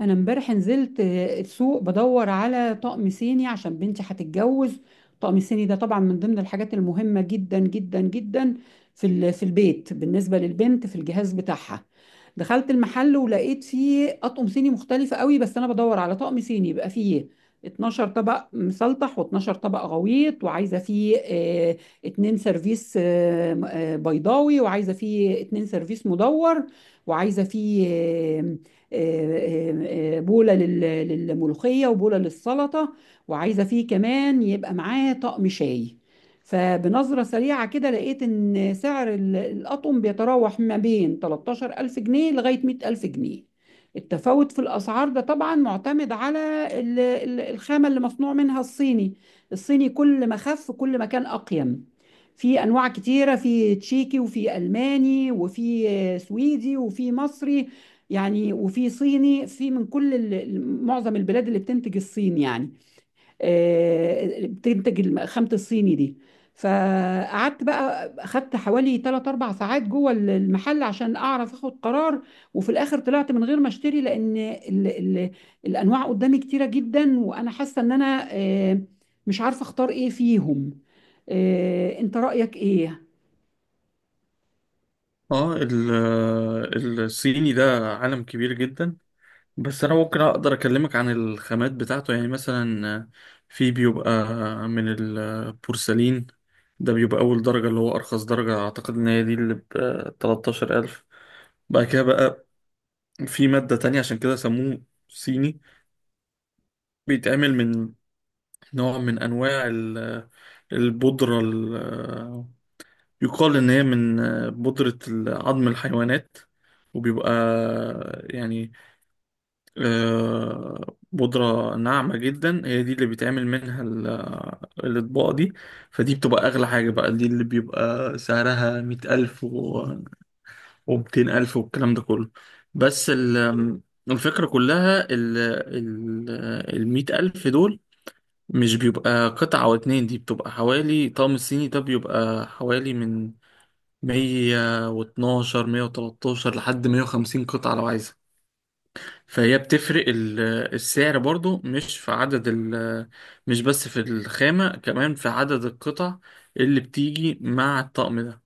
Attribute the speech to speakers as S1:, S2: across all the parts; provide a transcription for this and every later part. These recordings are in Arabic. S1: انا امبارح نزلت السوق بدور على طقم صيني عشان بنتي هتتجوز. طقم صيني ده طبعا من ضمن الحاجات المهمة جدا جدا جدا في البيت بالنسبة للبنت في الجهاز بتاعها. دخلت المحل ولقيت فيه اطقم صيني مختلفة قوي، بس انا بدور على طقم صيني يبقى فيه 12 طبق مسلطح و12 طبق غويط، وعايزة فيه اتنين سيرفيس بيضاوي، وعايزة فيه اتنين سيرفيس مدور، وعايزة فيه بولة للملوخية وبولة للسلطة، وعايزة فيه كمان يبقى معاه طقم شاي. فبنظرة سريعة كده لقيت إن سعر الأطقم بيتراوح ما بين 13 ألف جنيه لغاية 100 ألف جنيه. التفاوت في الأسعار ده طبعا معتمد على الخامة اللي مصنوع منها الصيني. الصيني كل ما خف كل ما كان أقيم. في أنواع كتيرة: في تشيكي، وفي ألماني، وفي سويدي، وفي مصري يعني، وفي صيني، في من كل معظم البلاد اللي بتنتج الصين يعني بتنتج خامة الصيني دي. فقعدت بقى اخدت حوالي 3 4 ساعات جوه المحل عشان اعرف اخد قرار. وفي الاخر طلعت من غير ما اشتري، لان ال ال الانواع قدامي كتيرة جدا، وانا حاسة ان انا مش عارفة اختار ايه فيهم. انت رأيك ايه؟
S2: الصيني ده عالم كبير جدا. بس انا ممكن اقدر اكلمك عن الخامات بتاعته، يعني مثلا في بيبقى من البورسلين. ده بيبقى اول درجة، اللي هو ارخص درجة. اعتقد ان هي دي اللي ب 13000. بعد كده بقى في مادة تانية، عشان كده سموه صيني. بيتعمل من نوع من انواع البودرة، يقال ان هي من بودرة عظم الحيوانات. وبيبقى يعني بودرة ناعمة جدا، هي دي اللي بيتعمل منها الأطباق دي. فدي بتبقى أغلى حاجة، بقى دي اللي بيبقى سعرها مية ألف ومتين ألف والكلام ده كله. بس الفكرة كلها، ال ال المية ألف دول مش بيبقى قطعة أو اتنين. دي بتبقى حوالي، طقم الصيني ده بيبقى حوالي من مية واتناشر، مية وتلاتاشر لحد مية وخمسين قطعة لو عايزة. فهي بتفرق السعر برضو، مش في عدد مش بس في الخامة، كمان في عدد القطع اللي بتيجي مع الطقم ده.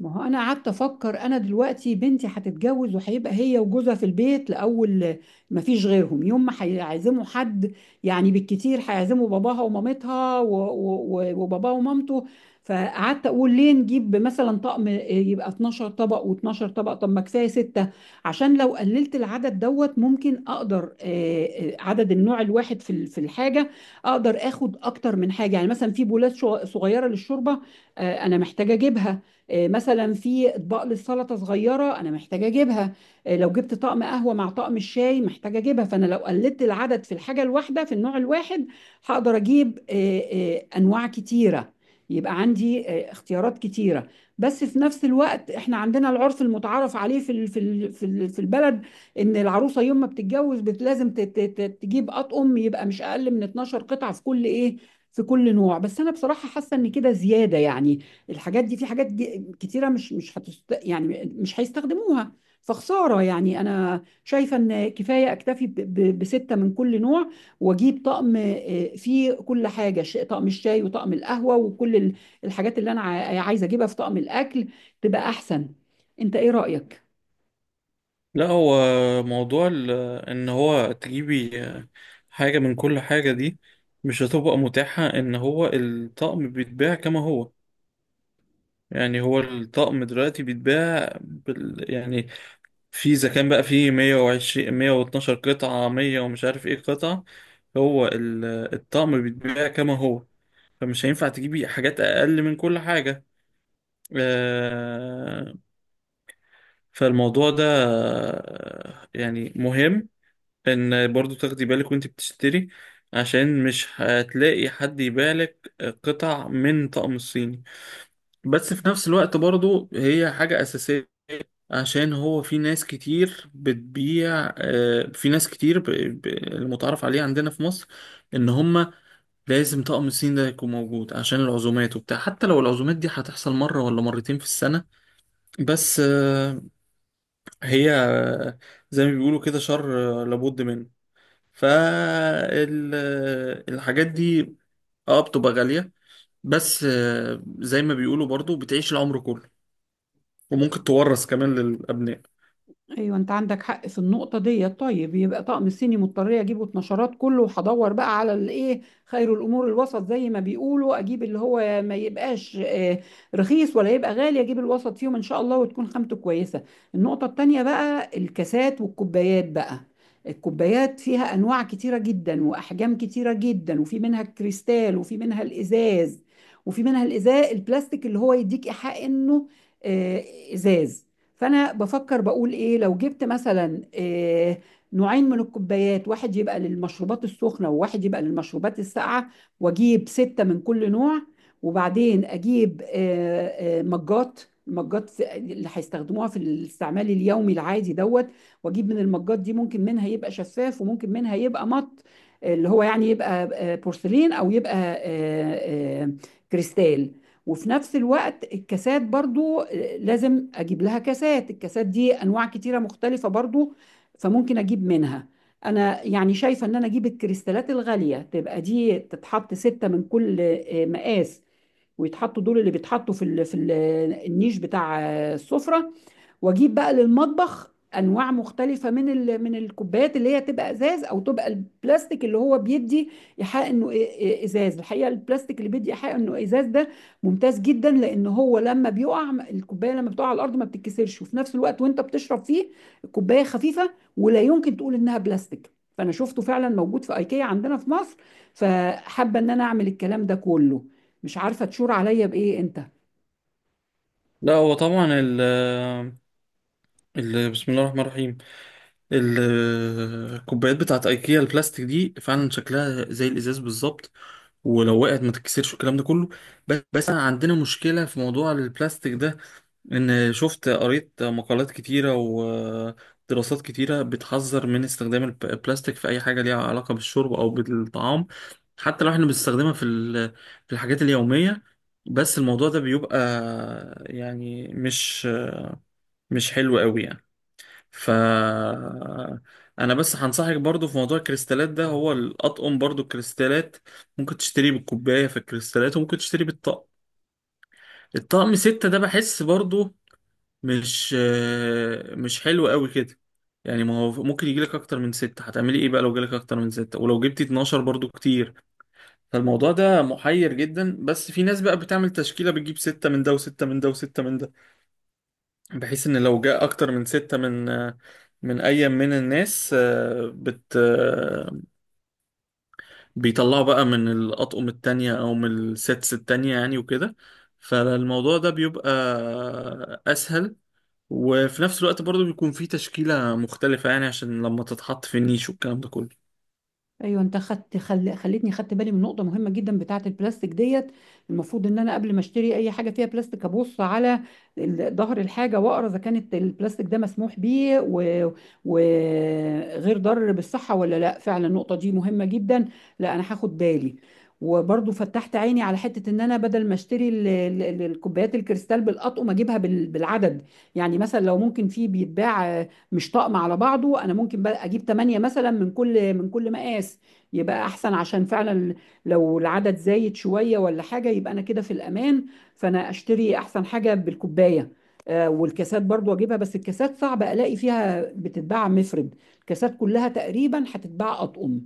S1: ما هو انا قعدت افكر: انا دلوقتي بنتي هتتجوز، وهيبقى هي وجوزها في البيت لاول ما فيش غيرهم. يوم ما هيعزموا حد، يعني بالكتير هيعزموا باباها ومامتها وباباها ومامته. فقعدت اقول: ليه نجيب مثلا طقم يبقى 12 طبق و12 طبق؟ طب ما كفايه ستة، عشان لو قللت العدد دوت ممكن اقدر عدد النوع الواحد في الحاجه، اقدر اخد اكتر من حاجه. يعني مثلا في بولات صغيره للشوربه، انا محتاجه اجيبها. مثلا في اطباق للسلطه صغيره انا محتاجه اجيبها. لو جبت طقم قهوه مع طقم الشاي محتاجه اجيبها. فانا لو قلدت العدد في الحاجه الواحده في النوع الواحد، هقدر اجيب انواع كتيره، يبقى عندي اختيارات كتيره. بس في نفس الوقت احنا عندنا العرف المتعارف عليه في البلد، ان العروسه يوم ما بتتجوز لازم تجيب اطقم يبقى مش اقل من 12 قطعه في كل ايه، في كل نوع. بس انا بصراحه حاسه ان كده زياده يعني. الحاجات دي في حاجات كتيرة مش مش هتست... يعني مش هيستخدموها، فخسارة يعني. أنا شايفة إن كفاية أكتفي بستة من كل نوع، وأجيب طقم فيه كل حاجة: طقم الشاي، وطقم القهوة، وكل الحاجات اللي أنا عايزة أجيبها في طقم الأكل، تبقى أحسن. أنت إيه رأيك؟
S2: لا، هو موضوع ان هو تجيبي حاجة من كل حاجة دي، مش هتبقى متاحة. ان هو الطقم بيتباع كما هو. يعني هو الطقم دلوقتي بيتباع يعني، في اذا كان بقى في 120، 112 قطعة، 100 ومش عارف ايه قطعة. هو الطقم بيتباع كما هو، فمش هينفع تجيبي حاجات اقل من كل حاجة. آه، فالموضوع ده يعني مهم ان برضو تاخدي بالك وانت بتشتري، عشان مش هتلاقي حد يبيع لك قطع من طقم الصيني. بس في نفس الوقت برضو هي حاجة أساسية، عشان هو في ناس كتير بتبيع، في ناس كتير المتعارف عليه عندنا في مصر، ان هما لازم طقم الصين ده يكون موجود، عشان العزومات وبتاع. حتى لو العزومات دي هتحصل مرة ولا مرتين في السنة. بس هي زي ما بيقولوا كده شر لابد منه. فالحاجات دي اه بتبقى غالية، بس زي ما بيقولوا برضو بتعيش العمر كله، وممكن تورث كمان للأبناء.
S1: ايوه، انت عندك حق في النقطه دي. طيب يبقى طقم الصيني مضطر اجيبه اتنشرات كله، وهدور بقى على الايه. خير الامور الوسط، زي ما بيقولوا، اجيب اللي هو ما يبقاش رخيص ولا يبقى غالي، اجيب الوسط فيهم ان شاء الله، وتكون خامته كويسه. النقطه التانيه بقى: الكاسات والكوبايات بقى. الكوبايات فيها انواع كتيره جدا واحجام كتيره جدا، وفي منها الكريستال، وفي منها الازاز، وفي منها الازاز البلاستيك اللي هو يديك ايحاء انه آه، ازاز. فانا بفكر بقول ايه: لو جبت مثلا نوعين من الكوبايات، واحد يبقى للمشروبات السخنه، وواحد يبقى للمشروبات الساقعه، واجيب سته من كل نوع. وبعدين اجيب مجات، المجات اللي هيستخدموها في الاستعمال اليومي العادي دوت. واجيب من المجات دي ممكن منها يبقى شفاف، وممكن منها يبقى مط، اللي هو يعني يبقى بورسلين، او يبقى كريستال. وفي نفس الوقت الكاسات برضو لازم اجيب لها كاسات. الكاسات دي انواع كتيرة مختلفة برضو، فممكن اجيب منها. انا يعني شايفة ان انا اجيب الكريستالات الغالية، تبقى دي تتحط ستة من كل مقاس، ويتحطوا دول اللي بيتحطوا النيش بتاع السفرة. واجيب بقى للمطبخ انواع مختلفه من الكوبايات، اللي هي تبقى ازاز، او تبقى البلاستيك اللي هو بيدي ايحاء انه ازاز. الحقيقه البلاستيك اللي بيدي ايحاء انه ازاز ده ممتاز جدا، لان هو لما بيقع الكوبايه، لما بتقع على الارض، ما بتتكسرش، وفي نفس الوقت وانت بتشرب فيه الكوبايه خفيفه، ولا يمكن تقول انها بلاستيك. فانا شفته فعلا موجود في ايكيا عندنا في مصر، فحابه ان انا اعمل الكلام ده كله. مش عارفه تشور عليا بايه انت؟
S2: لا، هو طبعا بسم الله الرحمن الرحيم. الكوبايات بتاعت ايكيا البلاستيك دي، فعلا شكلها زي الازاز بالظبط، ولو وقعت ما تتكسرش والكلام ده كله. بس أنا عندنا مشكله في موضوع البلاستيك ده، ان شفت قريت مقالات كتيره ودراسات كتيره بتحذر من استخدام البلاستيك في اي حاجه ليها علاقه بالشرب او بالطعام، حتى لو احنا بنستخدمها في الحاجات اليوميه. بس الموضوع ده بيبقى يعني مش حلو قوي يعني. ف انا بس هنصحك برضو في موضوع الكريستالات ده، هو الاطقم برضو الكريستالات، ممكن تشتريه بالكوبايه في الكريستالات، وممكن تشتريه بالطقم. الطقم ستة ده بحس برضو مش حلو قوي كده. يعني ما هو ممكن يجيلك اكتر من ستة، هتعملي ايه بقى لو جالك اكتر من ستة؟ ولو جبتي 12 برضو كتير. فالموضوع ده محير جدا، بس في ناس بقى بتعمل تشكيلة، بتجيب ستة من ده وستة من ده وستة من ده، بحيث ان لو جاء اكتر من ستة من اي من الناس، آه، بت آه، بيطلعوا بقى من الاطقم التانية او من السيتس التانية، يعني وكده. فالموضوع ده بيبقى اسهل، وفي نفس الوقت برضو بيكون فيه تشكيلة مختلفة يعني، عشان لما تتحط في النيش والكلام ده كله.
S1: ايوه، انت خدت خلتني خدت بالي من نقطه مهمه جدا بتاعه البلاستيك ديت. المفروض ان انا قبل ما اشتري اي حاجه فيها بلاستيك ابص على ظهر الحاجه، واقرا اذا كانت البلاستيك ده مسموح بيه وغير وغير ضار بالصحه ولا لا. فعلا النقطه دي مهمه جدا. لا، انا هاخد بالي. وبرضو فتحت عيني على حته: ان انا بدل ما اشتري الكوبايات الكريستال بالاطقم، اجيبها بالعدد. يعني مثلا لو ممكن في بيتباع مش طقم على بعضه، انا ممكن بقى اجيب 8 مثلا من كل مقاس، يبقى احسن. عشان فعلا لو العدد زايد شوية ولا حاجة، يبقى انا كده في الامان. فانا اشتري احسن حاجة بالكوباية. والكاسات برضو اجيبها، بس الكاسات صعب الاقي فيها بتتباع مفرد، الكاسات كلها تقريبا هتتباع اطقم.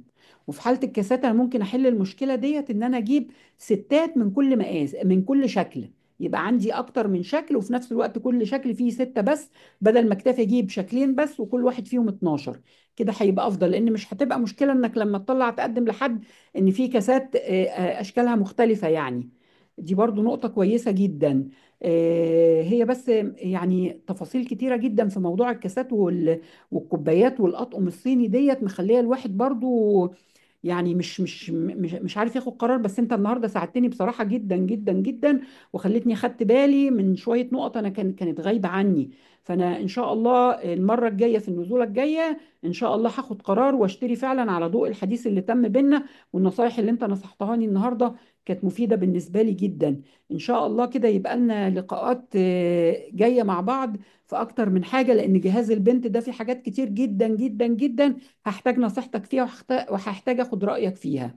S1: وفي حالة الكاسات انا ممكن احل المشكلة ديت: ان انا اجيب ستات من كل مقاس، من كل شكل، يبقى عندي اكتر من شكل، وفي نفس الوقت كل شكل فيه ستة بس، بدل ما اكتفي اجيب شكلين بس وكل واحد فيهم 12. كده هيبقى افضل، لان مش هتبقى مشكله انك لما تطلع تقدم لحد ان في كاسات اشكالها مختلفه يعني. دي برضو نقطه كويسه جدا. هي بس يعني تفاصيل كتيره جدا في موضوع الكاسات والكوبايات والاطقم الصيني ديت، مخليه الواحد برضو يعني مش عارف ياخد قرار. بس انت النهارده ساعدتني بصراحه جدا جدا جدا، وخلتني خدت بالي من شويه نقط انا كانت غايبه عني. فانا ان شاء الله المره الجايه، في النزوله الجايه ان شاء الله هاخد قرار، واشتري فعلا على ضوء الحديث اللي تم بينا والنصايح اللي انت نصحتهاني النهارده، كانت مفيده بالنسبه لي جدا. ان شاء الله كده يبقى لنا لقاءات جايه مع بعض في اكتر من حاجه، لان جهاز البنت ده في حاجات كتير جدا جدا جدا هحتاج نصيحتك فيها، وهحتاج اخد رأيك فيها.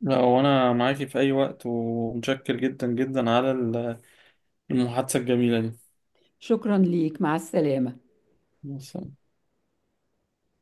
S2: لا، وانا معاكي في اي وقت، ومتشكر جدا جدا على المحادثة الجميلة
S1: شكرا ليك، مع السلامة.
S2: دي.